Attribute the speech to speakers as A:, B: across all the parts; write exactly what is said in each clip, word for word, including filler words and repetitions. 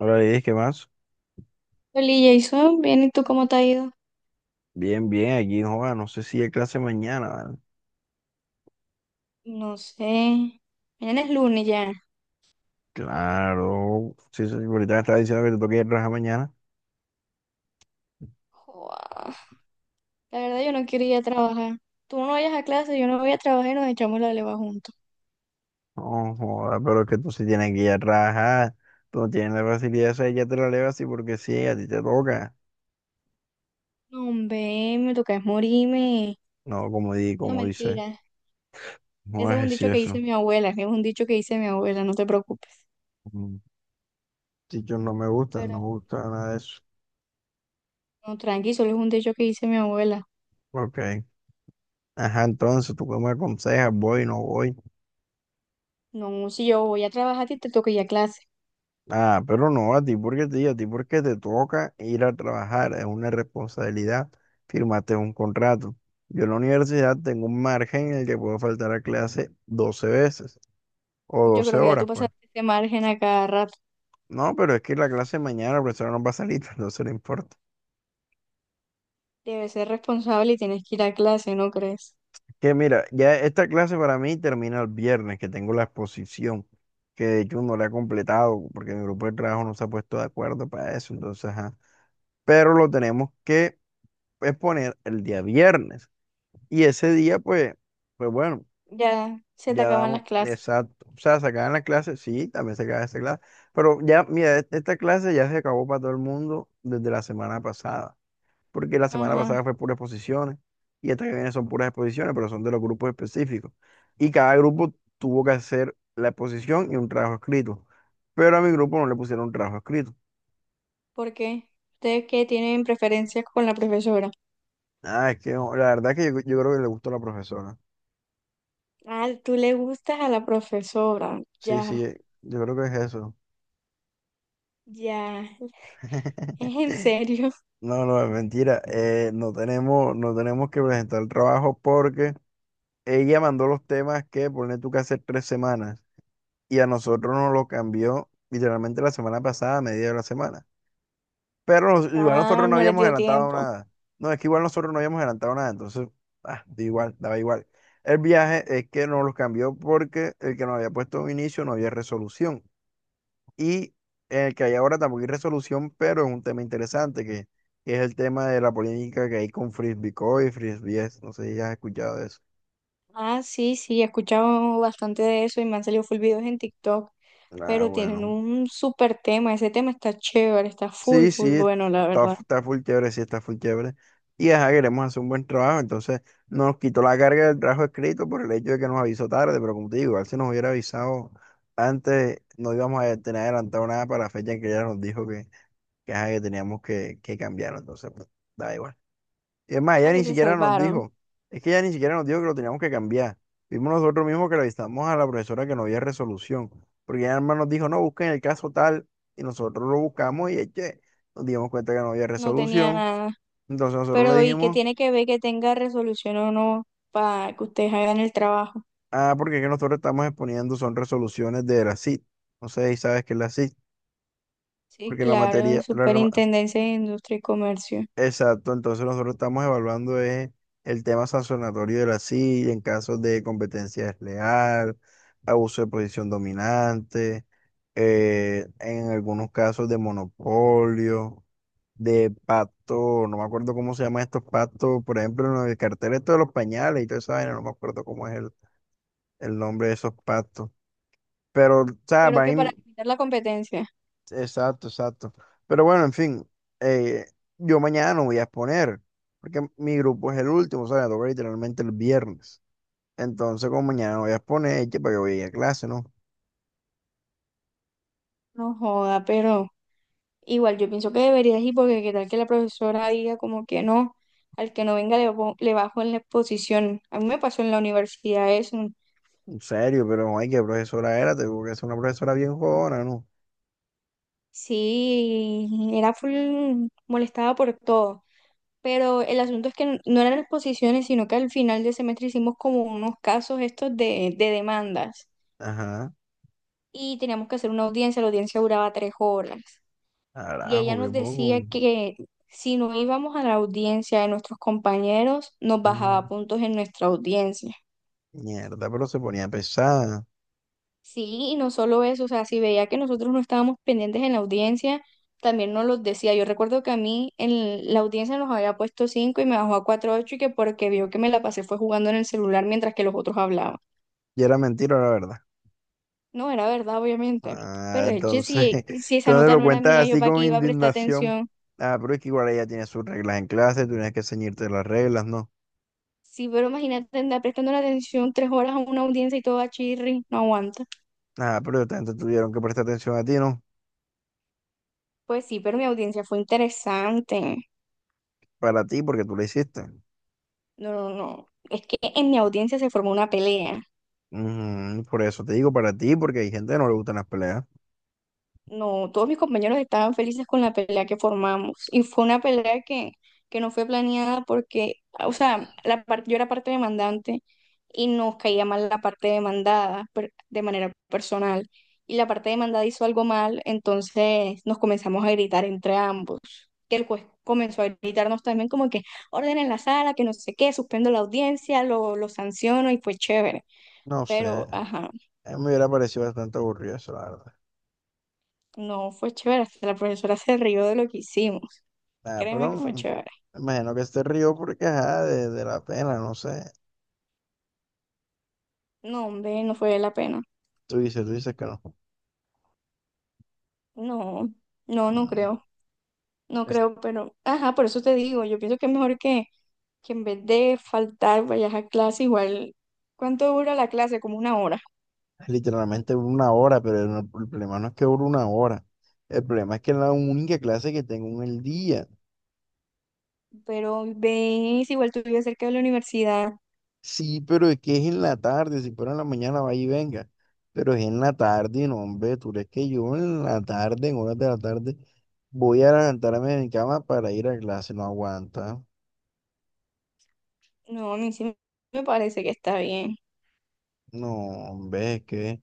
A: Ahora dices, ¿qué más?
B: Oli, Jason, bien, ¿y tú cómo te ha ido?
A: Bien, bien, aquí no joda, no sé si hay clase mañana, ¿vale?
B: No sé. Mañana es lunes ya.
A: Claro, sí, sí, ahorita me estaba diciendo que te toca ir a trabajar mañana.
B: Joa, la verdad, yo no quiero ir a trabajar. Tú no vayas a clase, yo no voy a trabajar y nos echamos la leva juntos.
A: No joda, pero es que tú sí tienes que ir a trabajar. Tú no tienes la facilidad esa, ya te la levas así porque sí, a ti te toca.
B: No, hombre, me toca es morirme.
A: No, como di,
B: No,
A: como dice,
B: mentira.
A: no
B: Ese
A: es
B: es un
A: así
B: dicho que dice
A: eso.
B: mi abuela. Es un dicho que dice mi abuela, no te preocupes.
A: Mm. Chichos no me gustan,
B: Pero
A: no me gusta nada de eso.
B: no, tranqui, solo es un dicho que dice mi abuela.
A: Ok. Ajá, entonces, ¿tú qué me aconsejas? ¿Voy, no voy?
B: No, si yo voy a trabajar, a ti te toca ir a clase.
A: Ah, pero no, a ti porque te, a ti porque te toca ir a trabajar, es una responsabilidad, firmaste un contrato. Yo en la universidad tengo un margen en el que puedo faltar a clase doce veces o
B: Yo
A: doce
B: creo que ya
A: horas,
B: tú
A: pues.
B: pasaste este margen a cada rato.
A: No, pero es que la clase de mañana la profesora no va a salir, no se le importa.
B: Debes ser responsable y tienes que ir a clase, ¿no crees?
A: Que mira, ya esta clase para mí termina el viernes, que tengo la exposición, que de hecho no la he completado porque mi grupo de trabajo no se ha puesto de acuerdo para eso, entonces, ajá. Pero lo tenemos que exponer el día viernes. Y ese día, pues, pues bueno,
B: Ya se te
A: ya
B: acaban
A: damos,
B: las clases.
A: exacto. O sea, se acaban las clases, sí, también se acaba esta clase. Pero ya, mira, e- esta clase ya se acabó para todo el mundo desde la semana pasada. Porque la semana
B: Ajá.
A: pasada fue puras exposiciones. Y esta que viene son puras exposiciones, pero son de los grupos específicos. Y cada grupo tuvo que hacer la exposición y un trabajo escrito. Pero a mi grupo no le pusieron un trabajo escrito.
B: ¿Por qué? ¿Ustedes qué tienen preferencias con la profesora?
A: Ah, es que no, la verdad que yo, yo creo que le gustó a la profesora.
B: Ah, tú le gustas a la profesora.
A: Sí,
B: Ya,
A: sí, yo creo que es eso.
B: ya. ¿Es en serio?
A: No, no, es mentira. Eh, no tenemos, no tenemos que presentar el trabajo porque ella mandó los temas que pone tú que hace tres semanas y a nosotros nos lo cambió literalmente la semana pasada, a media de la semana. Pero nos- igual
B: Ah,
A: nosotros no
B: no les
A: habíamos
B: dio
A: adelantado
B: tiempo.
A: nada. No, es que igual nosotros no habíamos adelantado nada, entonces, ah, da igual, daba igual. El viaje es que nos los cambió porque el que nos había puesto un inicio no había resolución. Y el que hay ahora tampoco hay resolución, pero es un tema interesante, que, que es el tema de la polémica que hay con Frisbee Co y Frisbee. No sé si has escuchado de eso.
B: Ah, sí, sí, he escuchado bastante de eso y me han salido full videos en TikTok.
A: Ah,
B: Pero tienen
A: bueno.
B: un súper tema. Ese tema está chévere, está full,
A: Sí,
B: full
A: sí,
B: bueno, la
A: está,
B: verdad.
A: f- está full chévere, sí, está full chévere. Y ajá, queremos hacer un buen trabajo, entonces nos quitó la carga del trabajo escrito por el hecho de que nos avisó tarde, pero como te digo, igual si nos hubiera avisado antes, no íbamos a tener adelantado nada para la fecha en que ella nos dijo que, que, ajá, que teníamos que, que cambiarlo entonces, pues, da igual. Y es más,
B: O
A: ella
B: sea que
A: ni
B: se
A: siquiera nos
B: salvaron.
A: dijo, es que ella ni siquiera nos dijo que lo teníamos que cambiar. Vimos nosotros mismos que le avisamos a la profesora que no había resolución, porque ella además nos dijo, no, busquen el caso tal, y nosotros lo buscamos y eche, nos dimos cuenta que no había
B: No tenía
A: resolución.
B: nada.
A: Entonces nosotros le
B: Pero ¿y qué
A: dijimos,
B: tiene que ver que tenga resolución o no para que ustedes hagan el trabajo?
A: ah, porque es que nosotros estamos exponiendo son resoluciones de la C I T. No sé si sabes qué es la C I T,
B: Sí,
A: porque la
B: claro,
A: materia, la,
B: Superintendencia de Industria y Comercio.
A: exacto, entonces nosotros estamos evaluando eh, el tema sancionatorio de la silla en casos de competencia desleal, abuso de posición dominante, eh, en algunos casos de monopolio, de pacto, no me acuerdo cómo se llaman estos pactos, por ejemplo, en el cartel esto de los pañales y toda esa vaina, no me acuerdo cómo es el, el nombre de esos pactos. Pero, o sea,
B: Pero
A: van,
B: que para
A: in-
B: limitar la competencia.
A: exacto, exacto. Pero bueno, en fin, eh, yo mañana no voy a exponer, porque mi grupo es el último, o sea, me toca literalmente el viernes. Entonces, como mañana no voy a exponer, ¿que para que voy a ir a clase, no?
B: No joda, pero igual yo pienso que deberías ir porque qué tal que la profesora diga como que no, al que no venga le, bo- le bajo en la exposición. A mí me pasó en la universidad eso.
A: En serio, pero ay, qué profesora era, tengo que ser una profesora bien jodona, ¿no?
B: Sí, era full molestada por todo. Pero el asunto es que n- no eran exposiciones, sino que al final del semestre hicimos como unos casos estos de, de, demandas
A: Ajá,
B: y teníamos que hacer una audiencia, la audiencia duraba tres horas y ella
A: carajo, qué
B: nos decía
A: poco.
B: que si no íbamos a la audiencia de nuestros compañeros, nos
A: Mm,
B: bajaba puntos en nuestra audiencia.
A: mierda, pero se ponía pesada.
B: Sí, y no solo eso, o sea, si veía que nosotros no estábamos pendientes en la audiencia, también nos los decía. Yo recuerdo que a mí en la audiencia nos había puesto cinco y me bajó a cuatro ocho y que porque vio que me la pasé fue jugando en el celular mientras que los otros hablaban.
A: Y era mentira, la verdad.
B: No, era verdad, obviamente.
A: Ah,
B: Pero de hecho,
A: entonces,
B: si, si, esa
A: entonces
B: nota
A: lo
B: no era mía,
A: cuentas
B: yo
A: así
B: para qué
A: con
B: iba a prestar
A: indignación.
B: atención.
A: Ah, pero es que igual ella tiene sus reglas en clase, tú tienes que ceñirte las reglas, ¿no?
B: Sí, pero imagínate andar prestando la atención tres horas a una audiencia y todo a chirri, no aguanta.
A: Ah, pero esta gente tuvieron que prestar atención a ti, ¿no?
B: Pues sí, pero mi audiencia fue interesante.
A: Para ti, porque tú lo hiciste.
B: No, no, no. Es que en mi audiencia se formó una pelea.
A: Ujú, por eso te digo para ti, porque hay gente que no le gustan las peleas.
B: No, todos mis compañeros estaban felices con la pelea que formamos y fue una pelea que, que no fue planeada porque, o sea, la par- yo era parte demandante y nos caía mal la parte demandada per- de manera personal y la parte demandada hizo algo mal, entonces nos comenzamos a gritar entre ambos. Que el juez comenzó a gritarnos también como que ordenen la sala, que no sé qué, suspendo la audiencia, lo, lo sanciono y fue chévere.
A: No sé,
B: Pero, ajá,
A: a mí me hubiera parecido bastante aburrido eso, la verdad.
B: no fue chévere, hasta la profesora se rió de lo que hicimos.
A: Ah,
B: Créeme
A: pero
B: que fue
A: mm,
B: chévere.
A: me imagino que se rió porque, ajá, de, de la pena, no sé.
B: No, hombre, no fue la pena.
A: Tú dices, tú dices que no.
B: No, no, no
A: Mm.
B: creo. No creo, pero, ajá, por eso te digo, yo pienso que es mejor que, que en vez de faltar, vayas a clase igual. ¿Cuánto dura la clase? Como una hora.
A: Literalmente dura una hora, pero no- el problema no es que dure una hora. El problema es que es la única clase que tengo en el día.
B: Pero ves, igual tú vives cerca de la universidad.
A: Sí, pero es que es en la tarde. Si fuera en la mañana, vaya y venga. Pero es en la tarde, y no, hombre. Tú crees que yo en la tarde, en horas de la tarde, voy a levantarme de mi cama para ir a clase. No aguanta.
B: No, a mí sí me parece que está bien.
A: No, hombre, es que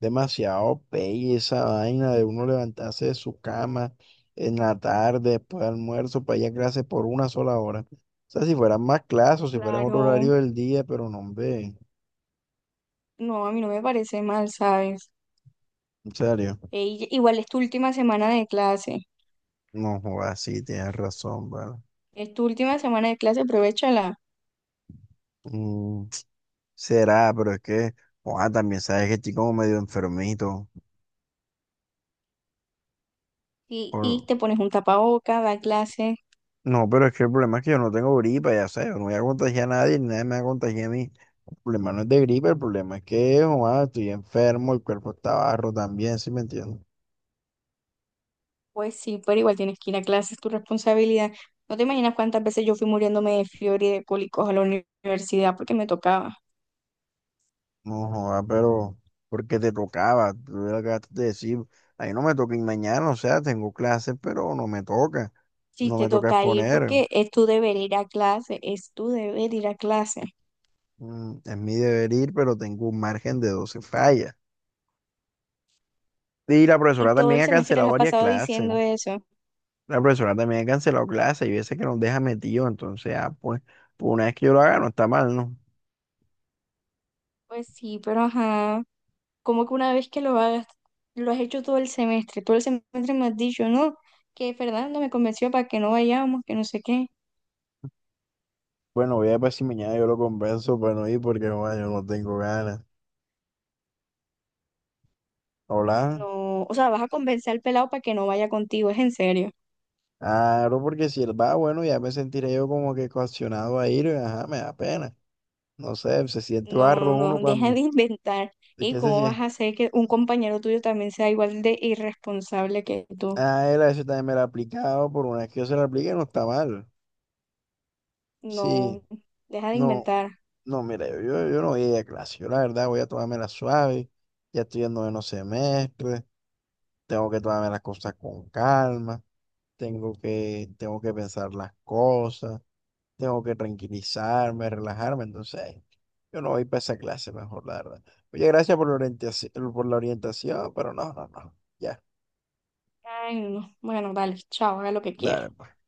A: demasiado pelle esa vaina de uno levantarse de su cama en la tarde, después de almuerzo, para ir a clase por una sola hora. O sea, si fueran más clases o si fueran otro
B: Claro,
A: horario del día, pero no, hombre,
B: no, a mí no me parece mal, ¿sabes?
A: en serio.
B: E- y- igual es tu última semana de clase.
A: No, joda, sí, tienes razón, ¿vale?
B: Es tu última semana de clase, aprovechala.
A: Mm, será, pero es que, joda, también sabes que estoy como medio enfermito.
B: Y, y
A: Por-
B: te pones un tapaboca, da clases.
A: No, pero es que el problema es que yo no tengo gripa, ya sabes, yo no voy a contagiar a nadie, ni nadie me va a contagiar a mí. Problema no es de gripe, el problema es que, joa, estoy enfermo, el cuerpo está barro también, ¿sí me entiendes?
B: Pues sí, pero igual tienes que ir a clases, tu responsabilidad. No te imaginas cuántas veces yo fui muriéndome de fiebre y de cólicos a la uni- universidad porque me tocaba.
A: No, joa, pero porque te tocaba, tú le acabaste de decir, ahí no me toca ir mañana, o sea, tengo clases, pero no me toca,
B: Sí,
A: no me
B: te
A: toca
B: toca ir
A: exponer,
B: porque es tu deber ir a clase, es tu deber ir a clase.
A: mm, es mi deber ir, pero tengo un margen de doce fallas. Y la profesora
B: Y todo
A: también
B: el
A: ha
B: semestre te lo
A: cancelado
B: has
A: varias
B: pasado
A: clases.
B: diciendo eso.
A: La profesora también ha cancelado clase y veces que nos deja metido entonces, ah, pues, pues una vez que yo lo haga, no está mal, ¿no?
B: Pues sí, pero ajá, como que una vez que lo hagas, lo has hecho todo el semestre, todo el semestre me has dicho, no, que Fernando me convenció para que no vayamos, que no sé qué.
A: Bueno, voy a ver si mañana yo lo convenzo para no ir porque joder, yo no tengo ganas. Hola.
B: No, o sea, vas a convencer al pelado para que no vaya contigo, es en serio.
A: Claro, porque si él va, bueno, ya me sentiré yo como que coaccionado a ir, y, ajá, me da pena. No sé, se siente
B: No, no,
A: barro uno
B: no, deja de
A: cuando.
B: inventar.
A: ¿Y
B: ¿Y
A: qué se
B: cómo vas
A: siente?
B: a hacer que un compañero tuyo también sea igual de irresponsable que tú?
A: Ah, él a eso también me lo ha aplicado, por una vez que yo se lo aplique no está mal. Sí,
B: No, deja de
A: no.
B: inventar.
A: No, mira, yo, yo, yo no voy a ir a clase. Yo la verdad voy a tomarme la suave. Ya estoy en noveno semestre. Tengo que tomarme las cosas con calma. Tengo que, tengo que pensar las cosas. Tengo que tranquilizarme, relajarme. Entonces, yo no voy para esa clase mejor, la verdad. Oye, gracias por la orientación, por la orientación, pero no, no, no. Ya,
B: Ay, no, no. Bueno, vale, chao, haga lo que quiera.
A: dale, pues.